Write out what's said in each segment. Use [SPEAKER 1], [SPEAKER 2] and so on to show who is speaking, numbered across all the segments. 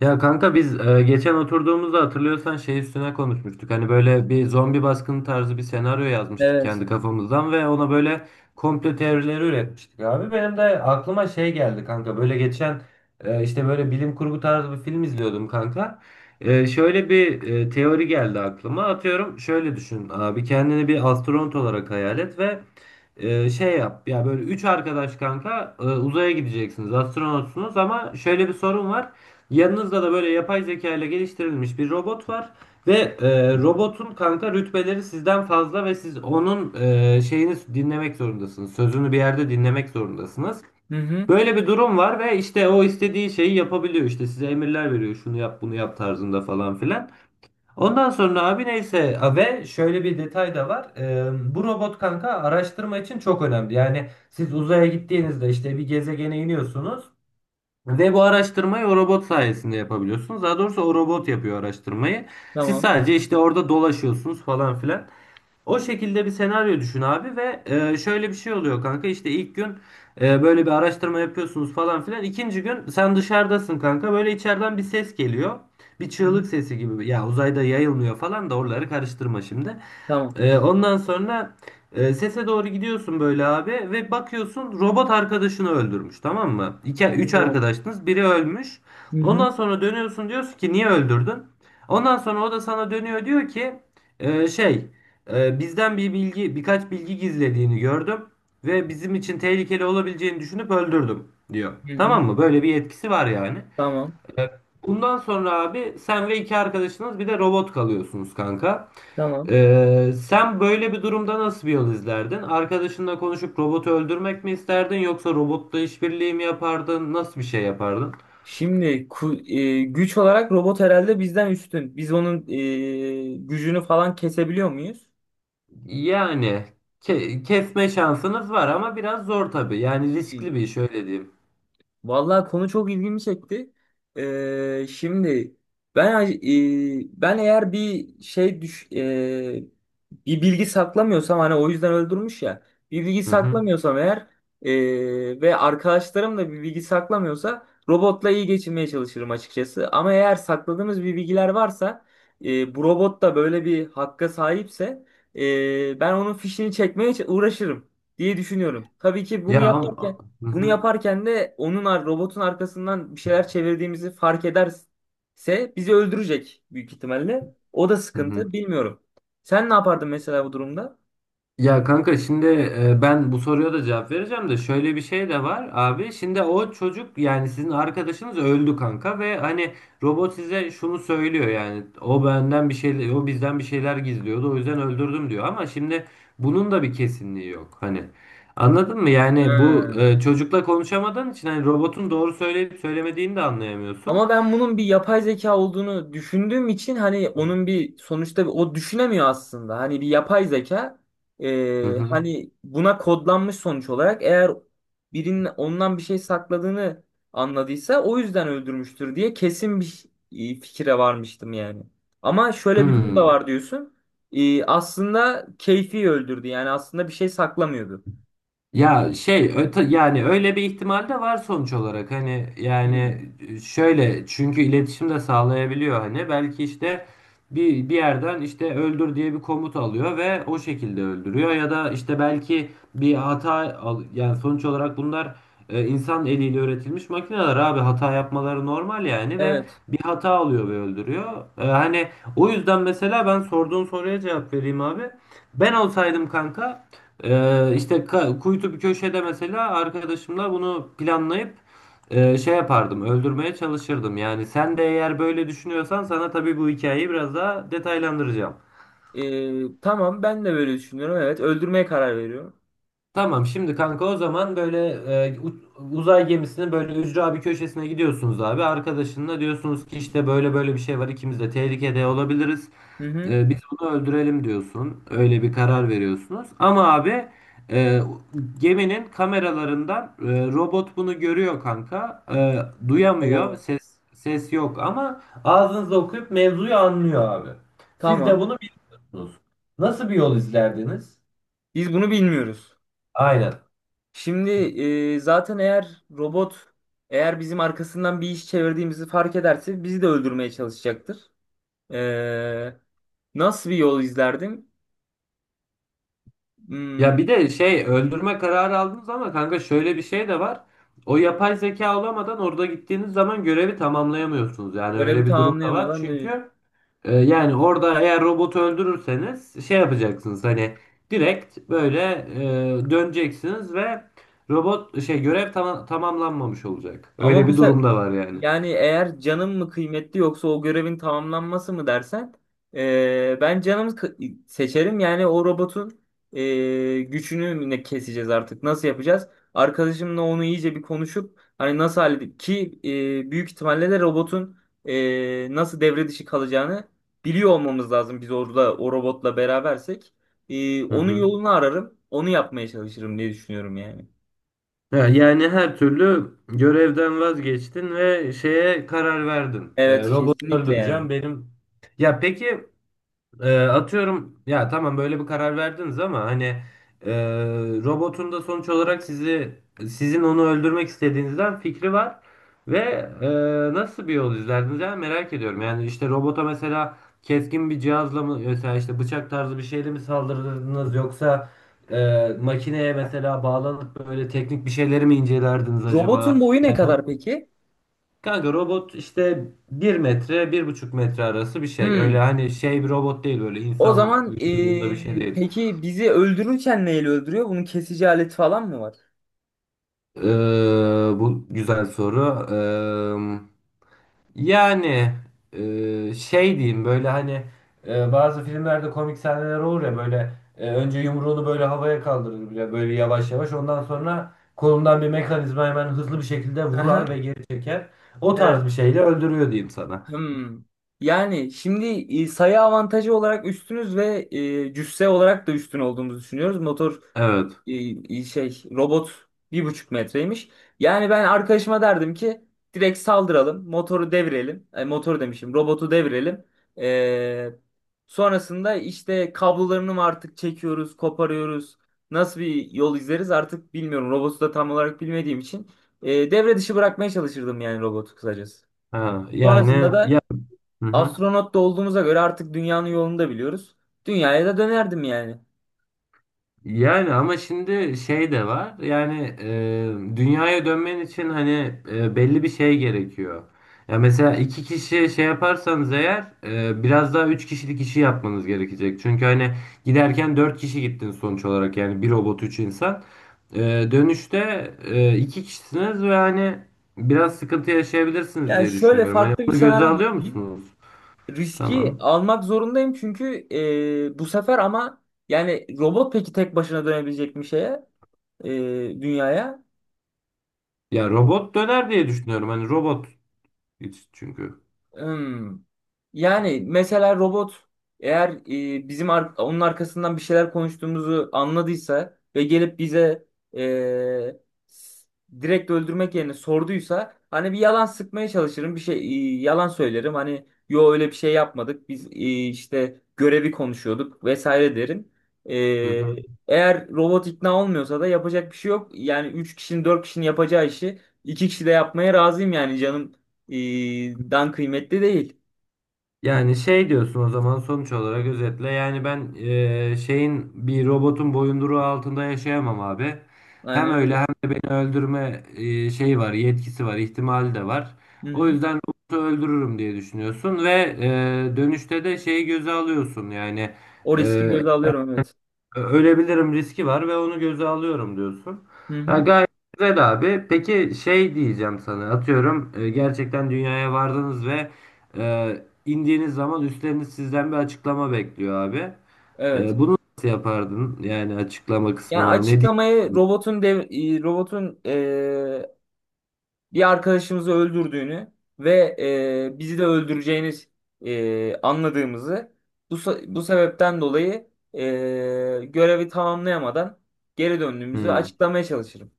[SPEAKER 1] Ya kanka biz geçen oturduğumuzda hatırlıyorsan şey üstüne konuşmuştuk. Hani böyle bir zombi baskını tarzı bir senaryo yazmıştık
[SPEAKER 2] Evet.
[SPEAKER 1] kendi kafamızdan ve ona böyle komplo teorileri üretmiştik abi. Benim de aklıma şey geldi kanka. Böyle geçen işte böyle bilim kurgu tarzı bir film izliyordum kanka. Şöyle bir teori geldi aklıma. Atıyorum şöyle düşün abi, kendini bir astronot olarak hayal et ve şey yap ya, böyle üç arkadaş kanka, uzaya gideceksiniz, astronotsunuz, ama şöyle bir sorun var. Yanınızda da böyle yapay zeka ile geliştirilmiş bir robot var ve robotun kanka rütbeleri sizden fazla ve siz onun şeyini dinlemek zorundasınız. Sözünü bir yerde dinlemek zorundasınız.
[SPEAKER 2] Hı hı.
[SPEAKER 1] Böyle bir durum var ve işte o istediği şeyi yapabiliyor. İşte size emirler veriyor. Şunu yap, bunu yap tarzında falan filan. Ondan sonra abi neyse a, ve şöyle bir detay da var. Bu robot kanka araştırma için çok önemli. Yani siz uzaya gittiğinizde işte bir gezegene iniyorsunuz. Ve bu araştırmayı o robot sayesinde yapabiliyorsunuz. Daha doğrusu o robot yapıyor araştırmayı. Siz
[SPEAKER 2] Tamam.
[SPEAKER 1] sadece işte orada dolaşıyorsunuz falan filan. O şekilde bir senaryo düşün abi ve şöyle bir şey oluyor kanka. İşte ilk gün böyle bir araştırma yapıyorsunuz falan filan. İkinci gün sen dışarıdasın kanka. Böyle içeriden bir ses geliyor. Bir
[SPEAKER 2] Hı
[SPEAKER 1] çığlık
[SPEAKER 2] hı.
[SPEAKER 1] sesi gibi. Ya uzayda yayılmıyor falan da oraları karıştırma şimdi.
[SPEAKER 2] Tamam.
[SPEAKER 1] Ondan sonra sese doğru gidiyorsun böyle abi ve bakıyorsun robot arkadaşını öldürmüş, tamam mı? İki, üç
[SPEAKER 2] Oo.
[SPEAKER 1] arkadaştınız, biri ölmüş.
[SPEAKER 2] Hı hı.
[SPEAKER 1] Ondan sonra dönüyorsun, diyorsun ki niye öldürdün? Ondan sonra o da sana dönüyor, diyor ki e, şey bizden bir bilgi, birkaç bilgi gizlediğini gördüm ve bizim için tehlikeli olabileceğini düşünüp öldürdüm diyor.
[SPEAKER 2] Hı hı.
[SPEAKER 1] Tamam mı? Böyle bir etkisi var yani.
[SPEAKER 2] Tamam.
[SPEAKER 1] Evet. Bundan sonra abi sen ve iki arkadaşınız bir de robot kalıyorsunuz kanka.
[SPEAKER 2] Tamam.
[SPEAKER 1] Sen böyle bir durumda nasıl bir yol izlerdin? Arkadaşınla konuşup robotu öldürmek mi isterdin yoksa robotla işbirliği mi yapardın? Nasıl bir şey yapardın?
[SPEAKER 2] Şimdi güç olarak robot herhalde bizden üstün. Biz onun gücünü falan kesebiliyor muyuz?
[SPEAKER 1] Yani kesme şansınız var ama biraz zor tabii. Yani
[SPEAKER 2] Hı.
[SPEAKER 1] riskli bir iş, öyle diyeyim.
[SPEAKER 2] Vallahi konu çok ilgimi çekti. Şimdi ben e, eğer bir şey düş e, bir bilgi saklamıyorsam hani o yüzden öldürmüş ya. Bir bilgi
[SPEAKER 1] Hı hı.
[SPEAKER 2] saklamıyorsam eğer ve arkadaşlarım da bir bilgi saklamıyorsa robotla iyi geçinmeye çalışırım açıkçası. Ama eğer sakladığımız bir bilgiler varsa bu robot da böyle bir hakka sahipse ben onun fişini çekmeye uğraşırım diye düşünüyorum. Tabii ki
[SPEAKER 1] Ya ama... Hı
[SPEAKER 2] bunu
[SPEAKER 1] hı.
[SPEAKER 2] yaparken de robotun arkasından bir şeyler çevirdiğimizi fark ederse bizi öldürecek büyük ihtimalle. O da
[SPEAKER 1] Hı hı.
[SPEAKER 2] sıkıntı, bilmiyorum. Sen ne yapardın mesela bu durumda?
[SPEAKER 1] Ya kanka şimdi, ben bu soruya da cevap vereceğim de şöyle bir şey de var abi. Şimdi o çocuk, yani sizin arkadaşınız öldü kanka ve hani robot size şunu söylüyor, yani o benden bir şey, o bizden bir şeyler gizliyordu, o yüzden öldürdüm diyor, ama şimdi bunun da bir kesinliği yok hani. Anladın mı? Yani bu
[SPEAKER 2] Ha.
[SPEAKER 1] çocukla konuşamadığın için hani robotun doğru söyleyip söylemediğini de anlayamıyorsun.
[SPEAKER 2] Ama ben bunun bir yapay zeka olduğunu düşündüğüm için hani onun bir sonuçta o düşünemiyor aslında. Hani bir yapay zeka,
[SPEAKER 1] Hı hı.
[SPEAKER 2] hani buna kodlanmış sonuç olarak eğer birinin ondan bir şey sakladığını anladıysa o yüzden öldürmüştür diye kesin bir fikire varmıştım yani. Ama şöyle bir durum da
[SPEAKER 1] Hmm.
[SPEAKER 2] var diyorsun. E, aslında keyfi öldürdü yani aslında bir şey saklamıyordu.
[SPEAKER 1] Ya şey öte, yani öyle bir ihtimal de var sonuç olarak, hani yani,
[SPEAKER 2] Hmm.
[SPEAKER 1] şöyle, çünkü iletişim de sağlayabiliyor hani, belki işte bir yerden işte öldür diye bir komut alıyor ve o şekilde öldürüyor, ya da işte belki bir hata al, yani sonuç olarak bunlar insan eliyle üretilmiş makineler abi, hata yapmaları normal yani, ve
[SPEAKER 2] Evet.
[SPEAKER 1] bir hata alıyor ve öldürüyor. Hani o yüzden mesela ben sorduğun soruya cevap vereyim abi. Ben olsaydım kanka işte kuytu bir köşede mesela arkadaşımla bunu planlayıp şey yapardım, öldürmeye çalışırdım. Yani sen de eğer böyle düşünüyorsan, sana tabii bu hikayeyi biraz daha detaylandıracağım.
[SPEAKER 2] E, tamam ben de böyle düşünüyorum. Evet, öldürmeye karar veriyorum.
[SPEAKER 1] Tamam, şimdi kanka o zaman böyle e, u- uzay gemisinin böyle ücra bir köşesine gidiyorsunuz abi. Arkadaşınla diyorsunuz ki işte böyle böyle bir şey var, ikimiz de tehlikede olabiliriz.
[SPEAKER 2] Hı hı.
[SPEAKER 1] Biz bunu öldürelim diyorsun. Öyle bir karar veriyorsunuz. Ama abi e, geminin kameralarından robot bunu görüyor kanka. Duyamıyor.
[SPEAKER 2] Oo,
[SPEAKER 1] Ses yok ama ağzınızda okuyup mevzuyu anlıyor abi. Siz de
[SPEAKER 2] tamam.
[SPEAKER 1] bunu biliyorsunuz. Nasıl bir yol izlerdiniz?
[SPEAKER 2] Biz bunu bilmiyoruz.
[SPEAKER 1] Aynen.
[SPEAKER 2] Şimdi zaten eğer eğer bizim arkasından bir iş çevirdiğimizi fark ederse bizi de öldürmeye çalışacaktır. E, nasıl bir yol izlerdim? Hmm,
[SPEAKER 1] Ya bir de şey, öldürme kararı aldınız ama kanka şöyle bir şey de var. O yapay zeka olamadan orada gittiğiniz zaman görevi tamamlayamıyorsunuz. Yani
[SPEAKER 2] görevi
[SPEAKER 1] öyle bir durum da var.
[SPEAKER 2] tamamlayamadan da.
[SPEAKER 1] Çünkü yani orada eğer robotu öldürürseniz şey yapacaksınız, hani direkt böyle döneceksiniz ve robot şey, görev tamamlanmamış olacak. Öyle
[SPEAKER 2] Ama bu
[SPEAKER 1] bir durum
[SPEAKER 2] sefer
[SPEAKER 1] da var yani.
[SPEAKER 2] yani eğer canım mı kıymetli yoksa o görevin tamamlanması mı dersen ben seçerim. Yani o robotun gücünü mü ne keseceğiz artık, nasıl yapacağız? Arkadaşımla onu iyice bir konuşup hani nasıl halledip ki büyük ihtimalle de robotun nasıl devre dışı kalacağını biliyor olmamız lazım biz orada o robotla berabersek.
[SPEAKER 1] Hı
[SPEAKER 2] Onun
[SPEAKER 1] hı.
[SPEAKER 2] yolunu ararım, onu yapmaya çalışırım diye düşünüyorum yani.
[SPEAKER 1] Ya yani her türlü görevden vazgeçtin ve şeye karar verdin.
[SPEAKER 2] Evet,
[SPEAKER 1] Robotu
[SPEAKER 2] kesinlikle yani.
[SPEAKER 1] öldüreceğim benim. Ya peki, atıyorum ya tamam, böyle bir karar verdiniz ama hani e, robotun da sonuç olarak sizi, sizin onu öldürmek istediğinizden fikri var ve e, nasıl bir yol izlerdiniz ya, merak ediyorum. Yani işte robota mesela keskin bir cihazla mı, mesela işte bıçak tarzı bir şeyle mi saldırırdınız yoksa makineye mesela bağlanıp böyle teknik bir şeyleri mi incelerdiniz
[SPEAKER 2] Robotun
[SPEAKER 1] acaba?
[SPEAKER 2] boyu ne
[SPEAKER 1] Yani o,
[SPEAKER 2] kadar peki?
[SPEAKER 1] kanka robot işte bir metre, bir buçuk metre arası bir şey. Öyle
[SPEAKER 2] Hmm.
[SPEAKER 1] hani şey bir robot değil, böyle
[SPEAKER 2] O
[SPEAKER 1] insan
[SPEAKER 2] zaman
[SPEAKER 1] vücudunda bir şey değil.
[SPEAKER 2] peki bizi öldürürken neyle öldürüyor? Bunun kesici aleti falan mı var?
[SPEAKER 1] Bu güzel soru. Yani şey diyeyim, böyle hani bazı filmlerde komik sahneler olur ya, böyle önce yumruğunu böyle havaya kaldırır bile, böyle yavaş yavaş, ondan sonra kolundan bir mekanizma hemen hızlı bir şekilde
[SPEAKER 2] Aha,
[SPEAKER 1] vurar ve geri çeker. O tarz
[SPEAKER 2] evet.
[SPEAKER 1] bir şeyle öldürüyor diyeyim sana.
[SPEAKER 2] Hmm. Yani şimdi sayı avantajı olarak üstünüz ve cüsse olarak da üstün olduğumuzu düşünüyoruz.
[SPEAKER 1] Evet.
[SPEAKER 2] E, robot bir buçuk metreymiş. Yani ben arkadaşıma derdim ki direkt saldıralım, motoru devirelim, robotu devirelim. E, sonrasında işte kablolarını mı artık çekiyoruz, koparıyoruz. Nasıl bir yol izleriz artık bilmiyorum. Robotu da tam olarak bilmediğim için devre dışı bırakmaya çalışırdım yani robotu kısacası.
[SPEAKER 1] Ha,
[SPEAKER 2] Sonrasında
[SPEAKER 1] yani
[SPEAKER 2] da
[SPEAKER 1] ya. Hı hı.
[SPEAKER 2] astronot da olduğumuza göre artık dünyanın yolunu da biliyoruz. Dünyaya da dönerdim yani.
[SPEAKER 1] Yani ama şimdi şey de var. Yani dünyaya dönmen için hani belli bir şey gerekiyor. Ya mesela iki kişi şey yaparsanız eğer, biraz daha üç kişilik işi yapmanız gerekecek. Çünkü hani giderken dört kişi gittin sonuç olarak, yani bir robot üç insan. E, Dönüşte iki kişisiniz ve hani biraz sıkıntı yaşayabilirsiniz
[SPEAKER 2] Yani
[SPEAKER 1] diye
[SPEAKER 2] şöyle
[SPEAKER 1] düşünüyorum. Hani
[SPEAKER 2] farklı bir
[SPEAKER 1] bunu göze
[SPEAKER 2] senaryo
[SPEAKER 1] alıyor
[SPEAKER 2] düşüneyim.
[SPEAKER 1] musunuz?
[SPEAKER 2] Riski
[SPEAKER 1] Tamam.
[SPEAKER 2] almak zorundayım çünkü e, bu sefer ama yani robot peki tek başına dönebilecek bir şeye, e, dünyaya?
[SPEAKER 1] Ya robot döner diye düşünüyorum. Hani robot hiç çünkü.
[SPEAKER 2] Hmm. Yani mesela robot eğer onun arkasından bir şeyler konuştuğumuzu anladıysa ve gelip bize e, s- direkt öldürmek yerine sorduysa, hani bir yalan sıkmaya çalışırım, yalan söylerim hani, yo öyle bir şey yapmadık biz, işte görevi konuşuyorduk vesaire derim. E,
[SPEAKER 1] Hı hı.
[SPEAKER 2] eğer robot ikna olmuyorsa da yapacak bir şey yok yani 3 kişinin 4 kişinin yapacağı işi 2 kişi de yapmaya razıyım yani dan kıymetli değil.
[SPEAKER 1] Yani şey diyorsun o zaman, sonuç olarak özetle, yani ben şeyin, bir robotun boyunduruğu altında yaşayamam abi. Hem
[SPEAKER 2] Aynen
[SPEAKER 1] öyle
[SPEAKER 2] öyle.
[SPEAKER 1] hem de beni öldürme şeyi var, yetkisi var, ihtimali de var.
[SPEAKER 2] Hı
[SPEAKER 1] O
[SPEAKER 2] hı.
[SPEAKER 1] yüzden robotu öldürürüm diye düşünüyorsun ve dönüşte de şeyi göze alıyorsun yani,
[SPEAKER 2] O riski
[SPEAKER 1] eee,
[SPEAKER 2] göze alıyorum, evet.
[SPEAKER 1] ölebilirim riski var ve onu göze alıyorum diyorsun.
[SPEAKER 2] Hı
[SPEAKER 1] Ha,
[SPEAKER 2] hı.
[SPEAKER 1] gayet güzel abi. Peki şey diyeceğim sana, atıyorum gerçekten dünyaya vardınız ve indiğiniz zaman üstleriniz sizden bir açıklama bekliyor abi.
[SPEAKER 2] Evet.
[SPEAKER 1] Bunu nasıl yapardın? Yani açıklama
[SPEAKER 2] Yani
[SPEAKER 1] kısmına ne diyeyim?
[SPEAKER 2] açıklamayı robotun bir arkadaşımızı öldürdüğünü ve bizi de öldüreceğini anladığımızı, bu sebepten dolayı görevi tamamlayamadan geri döndüğümüzü
[SPEAKER 1] Hmm.
[SPEAKER 2] açıklamaya çalışırım.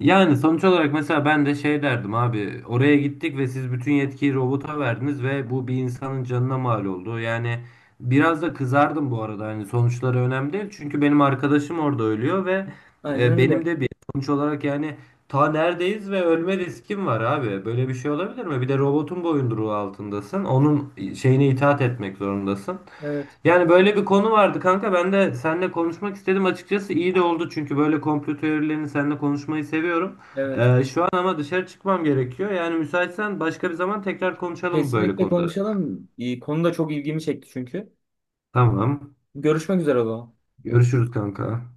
[SPEAKER 1] Yani sonuç olarak mesela ben de şey derdim abi, oraya gittik ve siz bütün yetkiyi robota verdiniz ve bu bir insanın canına mal oldu. Yani biraz da kızardım bu arada, hani sonuçları önemli değil çünkü benim arkadaşım orada ölüyor ve
[SPEAKER 2] Aynen
[SPEAKER 1] benim
[SPEAKER 2] öyle.
[SPEAKER 1] de bir sonuç olarak yani ta neredeyiz ve ölme riskim var abi, böyle bir şey olabilir mi? Bir de robotun boyunduruğu altındasın, onun şeyine itaat etmek zorundasın.
[SPEAKER 2] Evet.
[SPEAKER 1] Yani böyle bir konu vardı kanka. Ben de seninle konuşmak istedim açıkçası. İyi de oldu çünkü böyle komplo teorilerini seninle konuşmayı seviyorum.
[SPEAKER 2] Evet,
[SPEAKER 1] Şu an ama dışarı çıkmam gerekiyor. Yani müsaitsen başka bir zaman tekrar konuşalım böyle
[SPEAKER 2] kesinlikle
[SPEAKER 1] konuları.
[SPEAKER 2] konuşalım. E, konu da çok ilgimi çekti çünkü.
[SPEAKER 1] Tamam.
[SPEAKER 2] Görüşmek üzere o zaman.
[SPEAKER 1] Görüşürüz kanka.